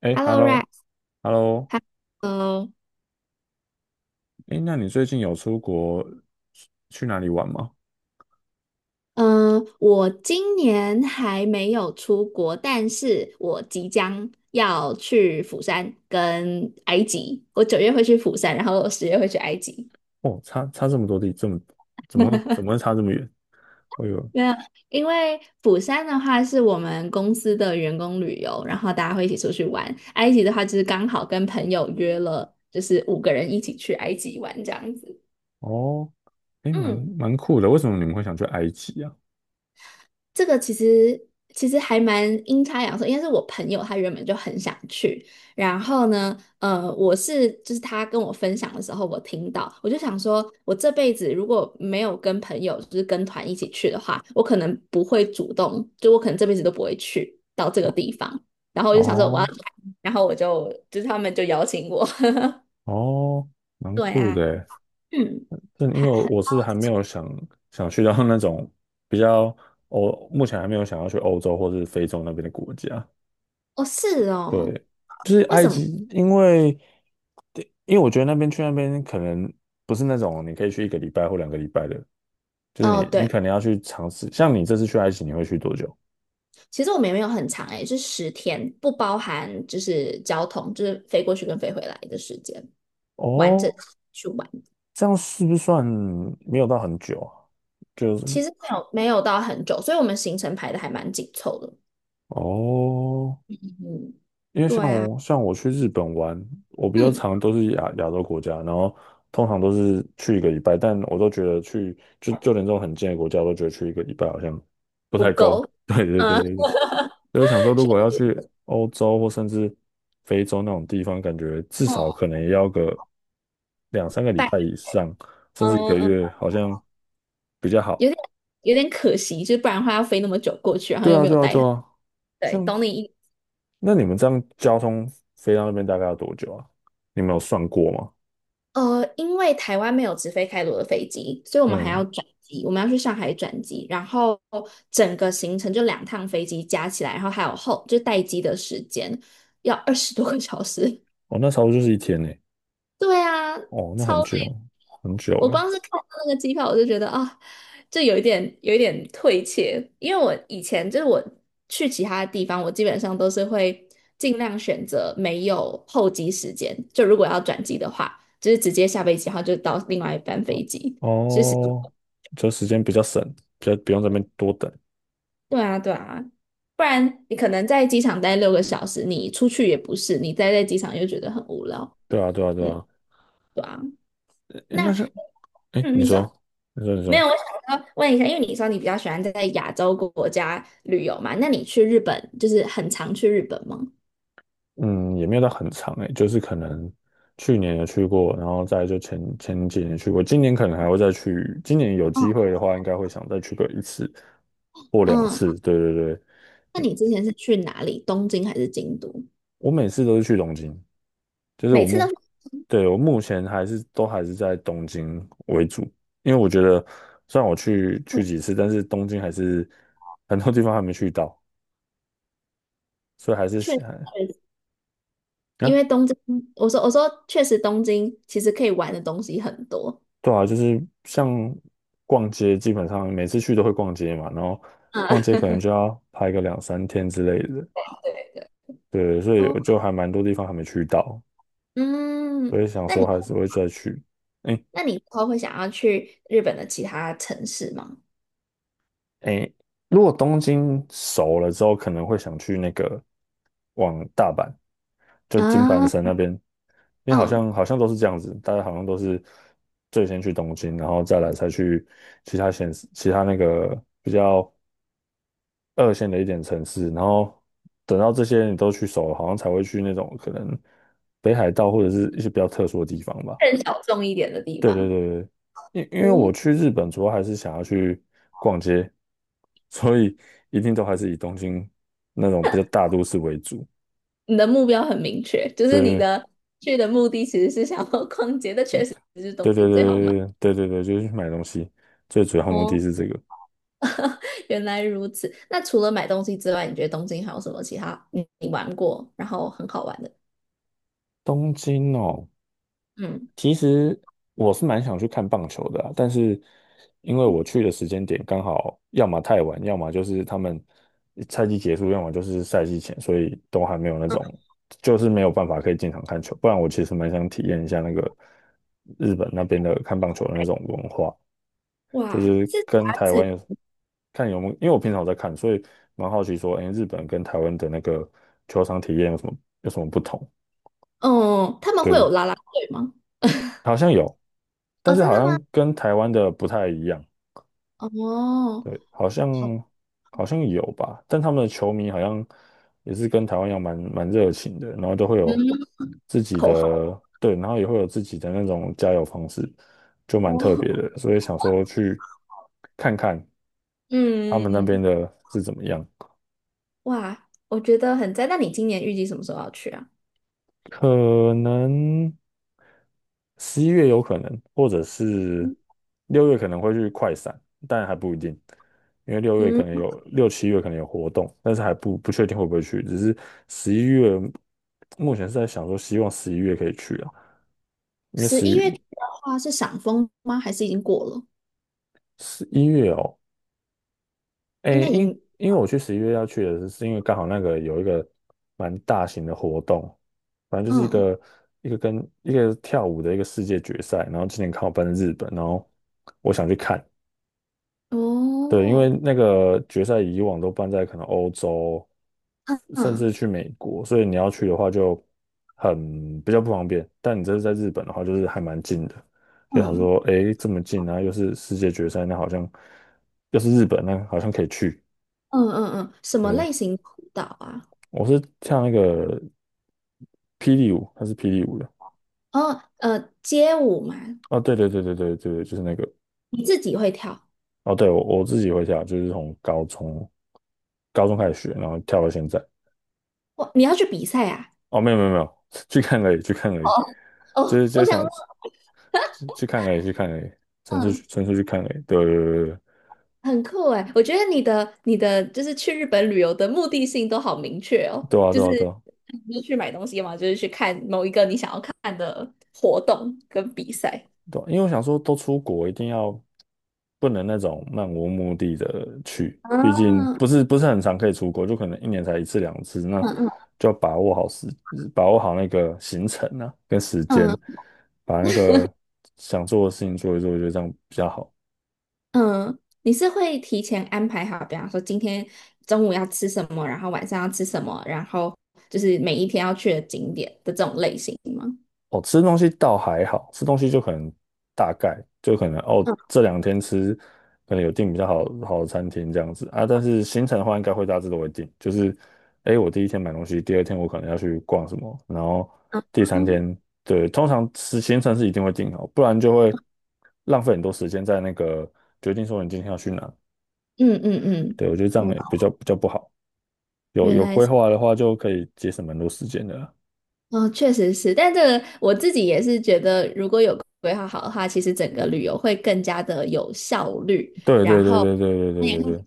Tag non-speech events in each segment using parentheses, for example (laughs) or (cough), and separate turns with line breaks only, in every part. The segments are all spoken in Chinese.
哎
Hello Rex，
，hello，hello，
Hello，
哎，那你最近有出国去哪里玩吗？
嗯，我今年还没有出国，但是我即将要去釜山跟埃及。我9月会去釜山，然后10月会去埃及。
哦，差这么多地，怎么会差这么远？哎呦，
没有，因为釜山的话是我们公司的员工旅游，然后大家会一起出去玩。埃及的话就是刚好跟朋友约了，就是5个人一起去埃及玩这样子。
哦，哎，蛮
嗯。
蛮酷的。为什么你们会想去埃及啊？
这个其实还蛮阴差阳错，应该是我朋友他原本就很想去，然后呢，就是他跟我分享的时候，我听到，我就想说，我这辈子如果没有跟朋友就是跟团一起去的话，我可能不会主动，就我可能这辈子都不会去到这个
哦
地方，然后我就想说我要来
哦
然后我就是他们就邀请我，
哦，
(laughs)
蛮
对
酷
啊，
的诶。
嗯，
但因为
还
我是还没有想去到那种比较目前还没有想要去欧洲或是非洲那边的国家，
哦是哦，
对，就是
为
埃
什么？
及，因为我觉得去那边可能不是那种你可以去一个礼拜或两个礼拜的，就是
哦
你
对。
可能要去尝试。像你这次去埃及，你会去多久？
其实我们也没有很长诶、欸是10天，不包含就是交通，就是飞过去跟飞回来的时间，完整
哦，
去玩。
这样是不是算没有到很久啊？就是
其实没有到很久，所以我们行程排的还蛮紧凑的。
哦，
嗯，
因为
对啊，
像我去日本玩，我比较
嗯，
常都是亚洲国家，然后通常都是去一个礼拜，但我都觉得就连这种很近的国家，我都觉得去一个礼拜好像不太
不
够。
够，
(laughs) 对对对
嗯，
对对。就是想说，
(laughs)
如
去
果要去欧洲或甚至非洲那种地方，感觉至
哦，
少可能也要个两三个礼
拜，
拜以上，甚至一个
嗯嗯，
月，好像比较好。
有点有点可惜，就是不然的话要飞那么久过去，然后
对
又
啊，
没有
对啊，
带
对
很，
啊。
对，
像
懂你意
那你们这样交通飞到那边大概要多久啊？你们有算过吗？
因为台湾没有直飞开罗的飞机，所以我们还要
嗯，
转机，我们要去上海转机，然后整个行程就2趟飞机加起来，然后还有后就待机的时间要20多个小时，
哦，那差不多就是一天呢。
对啊，
哦，那很
超累。
久，很久
我
诶。
光是看到那个机票，我就觉得啊，就有一点退怯，因为我以前就是我去其他地方，我基本上都是会尽量选择没有候机时间，就如果要转机的话，就是直接下飞机，然后就到另外一班
哦，
飞机。其实，
哦，就时间比较省，比较不用在那边多等。
对啊，对啊，不然你可能在机场待6个小时，你出去也不是，你待在机场又觉得很无聊。
对啊，对啊，对
嗯，
啊。诶，
那
那是，诶，
嗯，
你
你
说，
说。
你说，你
没
说。
有，我想要问一下，因为你说你比较喜欢在亚洲国家旅游嘛，那你去日本就是很常去日本吗？
嗯，也没有到很长诶，就是可能去年有去过，然后再来就前几年去过，今年可能还会再去，今年有
嗯
机会的话，应该会想再去个一次或两
嗯，
次。对对对，
那你之前是去哪里？东京还是京都？
我每次都是去东京，就是
每次都是
对，我目前都还是在东京为主，因为我觉得虽然我去
这
去
么
几次，但是东京还是很多地方还没去到，所以还是想啊。
去，因为东京，我说确实东京其实可以玩的东西很多。
对啊，就是像逛街，基本上每次去都会逛街嘛，然后逛街
嗯
可能就要拍个两三天之类的，对，所以
哦
我就还蛮多地方还没去到，
嗯，
所以想
那你
说还是会再去。哎
那你以后会想要去日本的其他城市吗？
哎，如果东京熟了之后，可能会想去那个往大阪，就金板
啊
神那边，因为好
嗯，
像好像都是这样子，大家好像都是最先去东京，然后再来才去其他县市，其他那个比较。二线的一点城市，然后等到这些你都去熟了，好像才会去那种可能北海道或者是一些比较特殊的地方吧。
更小众一点的地
对对
方。
对对，因为我
嗯。
去日本主要还是想要去逛街，所以一定都还是以东京那种比较大都市为主。
你的目标很明确，就是你
对
的去的目的其实是想要逛街，(laughs) 但确实是东
对对
京最好买。
对对对对对对，就是去买东西，最主要目的
哦，
是这个。
(laughs) 原来如此。那除了买东西之外，你觉得东京还有什么其他你玩过，然后很好玩的？
东京哦，
嗯
其实我是蛮想去看棒球的啊，但是因为我去的时间点刚好要么太晚，要么就是他们赛季结束，要么就是赛季前，所以都还没有那
嗯，
种，就是没有办法可以进场看球。不然我其实蛮想体验一下那个日本那边的看棒球的那种文化，就
哇，
是
是
跟
杂
台湾
志。
有有没有，因为我平常有在看，所以蛮好奇说，哎，日本跟台湾的那个球场体验有什么不同？
哦，他们会有
对。
拉拉队吗？
好像有，但
哦，
是
真
好
的吗？
像跟台湾的不太一样。
哦，
对，
好，
好像有吧，但他们的球迷好像也是跟台湾一样蛮热情的，然后都会
嗯，
有
(laughs)
自己
口号
的，对，然后也会有自己的那种加油方式，就蛮特别
哦，
的，所以想说去看看他们那边
嗯，
的是怎么样。
哇，我觉得很赞。那你今年预计什么时候要去啊？
可能十一月有可能，或者是
嗯。
六月可能会去快闪，但还不一定，因为六七月可能有活动，但是还不确定会不会去，只是十一月目前是在想说，希望十一月可以去啊，因为
十
十一
一月底的话是赏枫吗？还是已经过了？
十一月哦，
应
诶，
该已
因
经，
因为我去十一月要去的是，是因为刚好那个有一个蛮大型的活动，反正就是
嗯，
一个跟一个跳舞的一个世界决赛，然后今年看我办在日本，然后我想去看，对，因为
哦，
那个决赛以往都办在可能欧洲，
嗯
甚
嗯
至去美国，所以你要去的话就比较不方便，但你这是在日本的话，就是还蛮近的。就想
嗯
说，诶，这么近啊，又是世界决赛，那好像又是日本，那好像可以去。
嗯嗯嗯，什么
对，
类型舞蹈啊？
我是跳那个霹雳舞，它是霹雳舞的。
哦，街舞嘛，
哦，对对对对对对对就是那个。
你自己会跳？
哦，对，我自己会跳，就是从高中开始学，然后跳到现在。
哇，你要去比赛啊？
哦，没有没有没有，(laughs) 去看而已，去看而已，
哦
就
哦，
是就
我想
想
说，
去看而已，去看而已，纯粹去
嗯，
纯粹去看而已。对对对对对，
很酷哎，我觉得你的就是去日本旅游的目的性都好明确哦，
对啊
就
对
是
啊对啊，
不是去买东西嘛，就是去看某一个你想要看的活动跟比赛。
对啊因为我想说，都出国一定要不能那种漫无目的的去，毕
嗯
竟不是很常可以出国，就可能一年才一次两次，那
嗯嗯
就要把握好那个行程啊，跟时
嗯
间，把那个想做的事情做一做，我觉得这样比较好。
嗯，你是会提前安排好，比方说今天中午要吃什么，然后晚上要吃什么，然后就是每一天要去的景点的这种类型吗？
哦，吃东西倒还好，吃东西就可能大概就可能哦，这两天吃可能有订比较好的餐厅这样子啊，但是行程的话应该会大致都会定，就是诶，我第一天买东西，第二天我可能要去逛什么，然后
嗯
第三
嗯
天对，通常行程是一定会定好，不然就会浪费很多时间在那个决定说你今天要去哪，
嗯嗯嗯，
对，我觉得这样
哦，
也比较不好，有
原
有
来
规
是，
划的话就可以节省蛮多时间的啦。
哦，确实是，但这个我自己也是觉得，如果有规划好的话，其实整个旅游会更加的有效率，
对对
然
对
后。
对对对对
也
对对，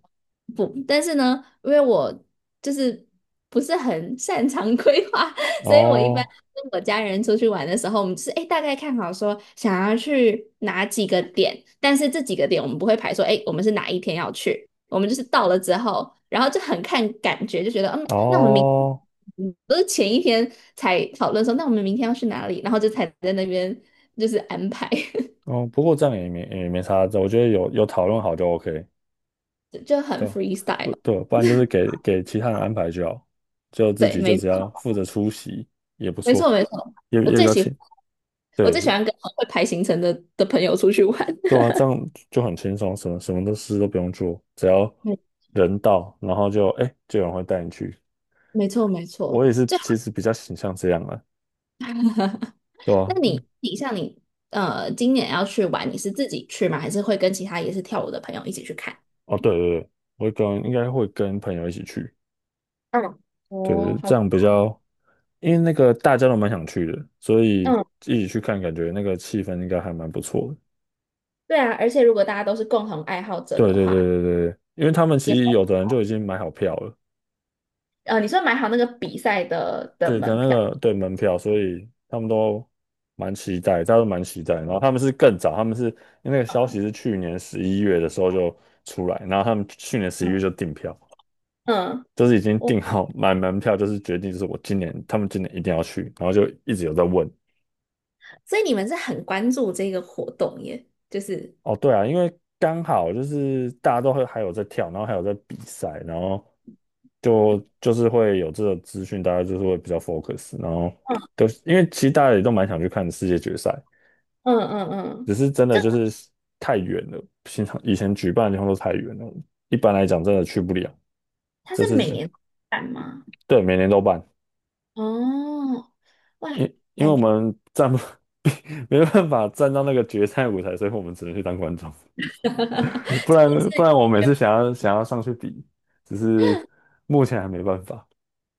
不，但是呢，因为我就是不是很擅长 (laughs) 规划，所以我一般
哦。
跟我家人出去玩的时候，我们就是哎大概看好说想要去哪几个点，但是这几个点我们不会排说哎我们是哪一天要去，我们就是到了之后，然后就很看感觉，就觉得嗯，那我们明
哦，
嗯都是前一天才讨论说那我们明天要去哪里，然后就才在那边就是安排，
哦，不过这样也没啥，这我觉得有讨论好就 OK，
(laughs) 就很
对，
freestyle。
不对，不然就是给其他人安排就好，就自
对，
己就
没
只要
错，
负责出席也不
没错，
错，
没错，
也
我
也比
最
较
喜欢。
轻，
我最喜
对
欢跟会排行程的朋友出去玩。
对
(laughs)
啊，这样就很轻松，什么都事都不用做，只要
没
人到，然后就哎就有人会带你去。
没错没
我
错，
也是，
就
其实比较倾向这样啊，对
那
啊，
你你像你呃，今年要去玩，你是自己去吗？还是会跟其他也是跳舞的朋友一起去看？
哦对对对，我应该会跟朋友一起去，
嗯，哦，
对，这
好，
样比较，因为那个大家都蛮想去的，所以
嗯，
一起去看，感觉那个气氛应该还蛮不错的。
对啊，而且如果大家都是共同爱好者
对
的
对
话，
对对对，因为他们其
也
实有的人就已经买好票了，
你说买好那个比赛的
对的
门
那
票，
个对门票，所以他们都蛮期待，大家都蛮期待。然后他们是更早，他们是因为那个消息是去年十一月的时候就出来，然后他们去年十一月
嗯
就订票，
嗯，
就是已经
我
订好买门票，就是决定就是我今年他们今年一定要去，然后就一直有在问。
所以你们是很关注这个活动耶，就是
哦，对啊，因为刚好就是大家都会还有在跳，然后还有在比赛，然后就是会有这个资讯，大家就是会比较 focus，然后都因为其实大家也都蛮想去看世界决赛，
嗯嗯嗯
只
嗯，
是真的
这个
就是太远了，平常以前举办的地方都太远了，一般来讲真的去不了。
它
这
是
是
每年办吗？
对每年都办，
哦，哇，
因为我们站不 (laughs) 没办法站到那个决赛舞台，所以我们只能去当观众。
(laughs)
不
这也
然不
是，
然我每次想要上去比，只是目前还没办法。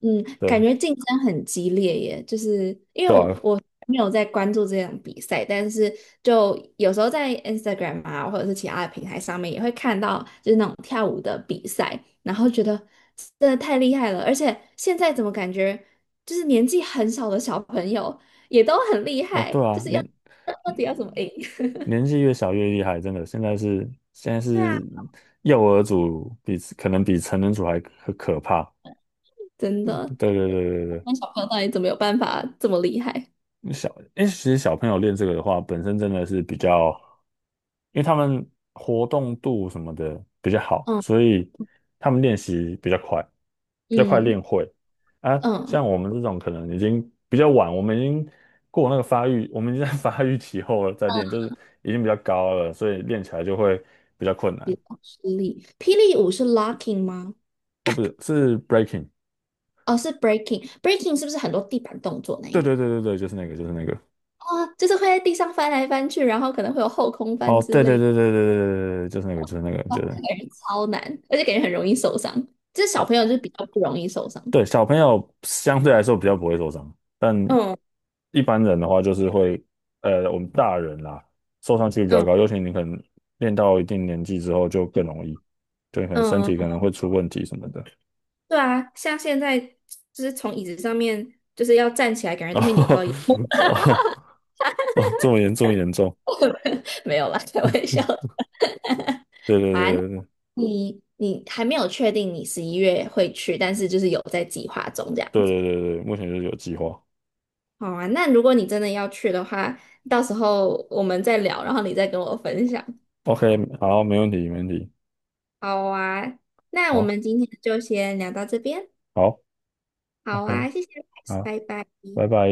嗯，感
对
觉竞争很激烈耶，就是因
对
为我
啊，
我没有在关注这种比赛，但是就有时候在 Instagram 啊，或者是其他的平台上面也会看到，就是那种跳舞的比赛，然后觉得真的太厉害了，而且现在怎么感觉就是年纪很小的小朋友也都很厉
哦
害，
对
就
啊，
是要
年
到底要怎么赢？(laughs)
年纪越小越厉害，真的。现在是现在
对啊，
是幼儿组比可能比成人组还可怕。
真的，
对对对对
那小朋友到底怎么有办法这么厉害？
对，因为其实小朋友练这个的话，本身真的是比较。因为他们活动度什么的比较好，
嗯
所以他们练习比较快，比较快
嗯
练会。啊，
嗯。
像我们这种可能已经比较晚，我们已经过那个发育，我们已经在 (laughs) 发育期后了再练，就是已经比较高了，所以练起来就会比较困难。
霹霹雳舞是 locking 吗？
哦，不是，是 breaking。
哦，是 breaking，breaking 是不是很多地板动作那一
对
个
对对对对，就是那个，就是那个。
啊，哦，就是会在地上翻来翻去，然后可能会有后空翻
哦，
之
对对
类的。
对对对对对，对就是那个，就是那个，
哇，
就是那个。
那感觉超难，而且感觉很容易受伤。这小
哦
朋友就比较不容易受伤。
对，小朋友相对来说比较不会受伤，但
嗯
一般人的话就是会，我们大人啦，受伤几率比较
嗯
高，尤其你可能练到一定年纪之后就更容易，就你可能身
嗯，
体可能会出问题什么的。
对啊，像现在就是从椅子上面就是要站起来，感觉都会扭到腰
(laughs) 哦哦哦，这么严重，
(laughs) 没有啦，开玩笑的。(laughs)
对对
好啊，那
对
你还没有确定你十一月会去，但是就是有在计划中这样
对
子。
对对对对，目前就是有计划。
好啊，那如果你真的要去的话，到时候我们再聊，然后你再跟我分享。
OK，好，没问题没问题，
好啊，那我
好，
们今天就先聊到这边。
好
好
，OK，
啊，谢谢
好，
拜拜。
拜拜。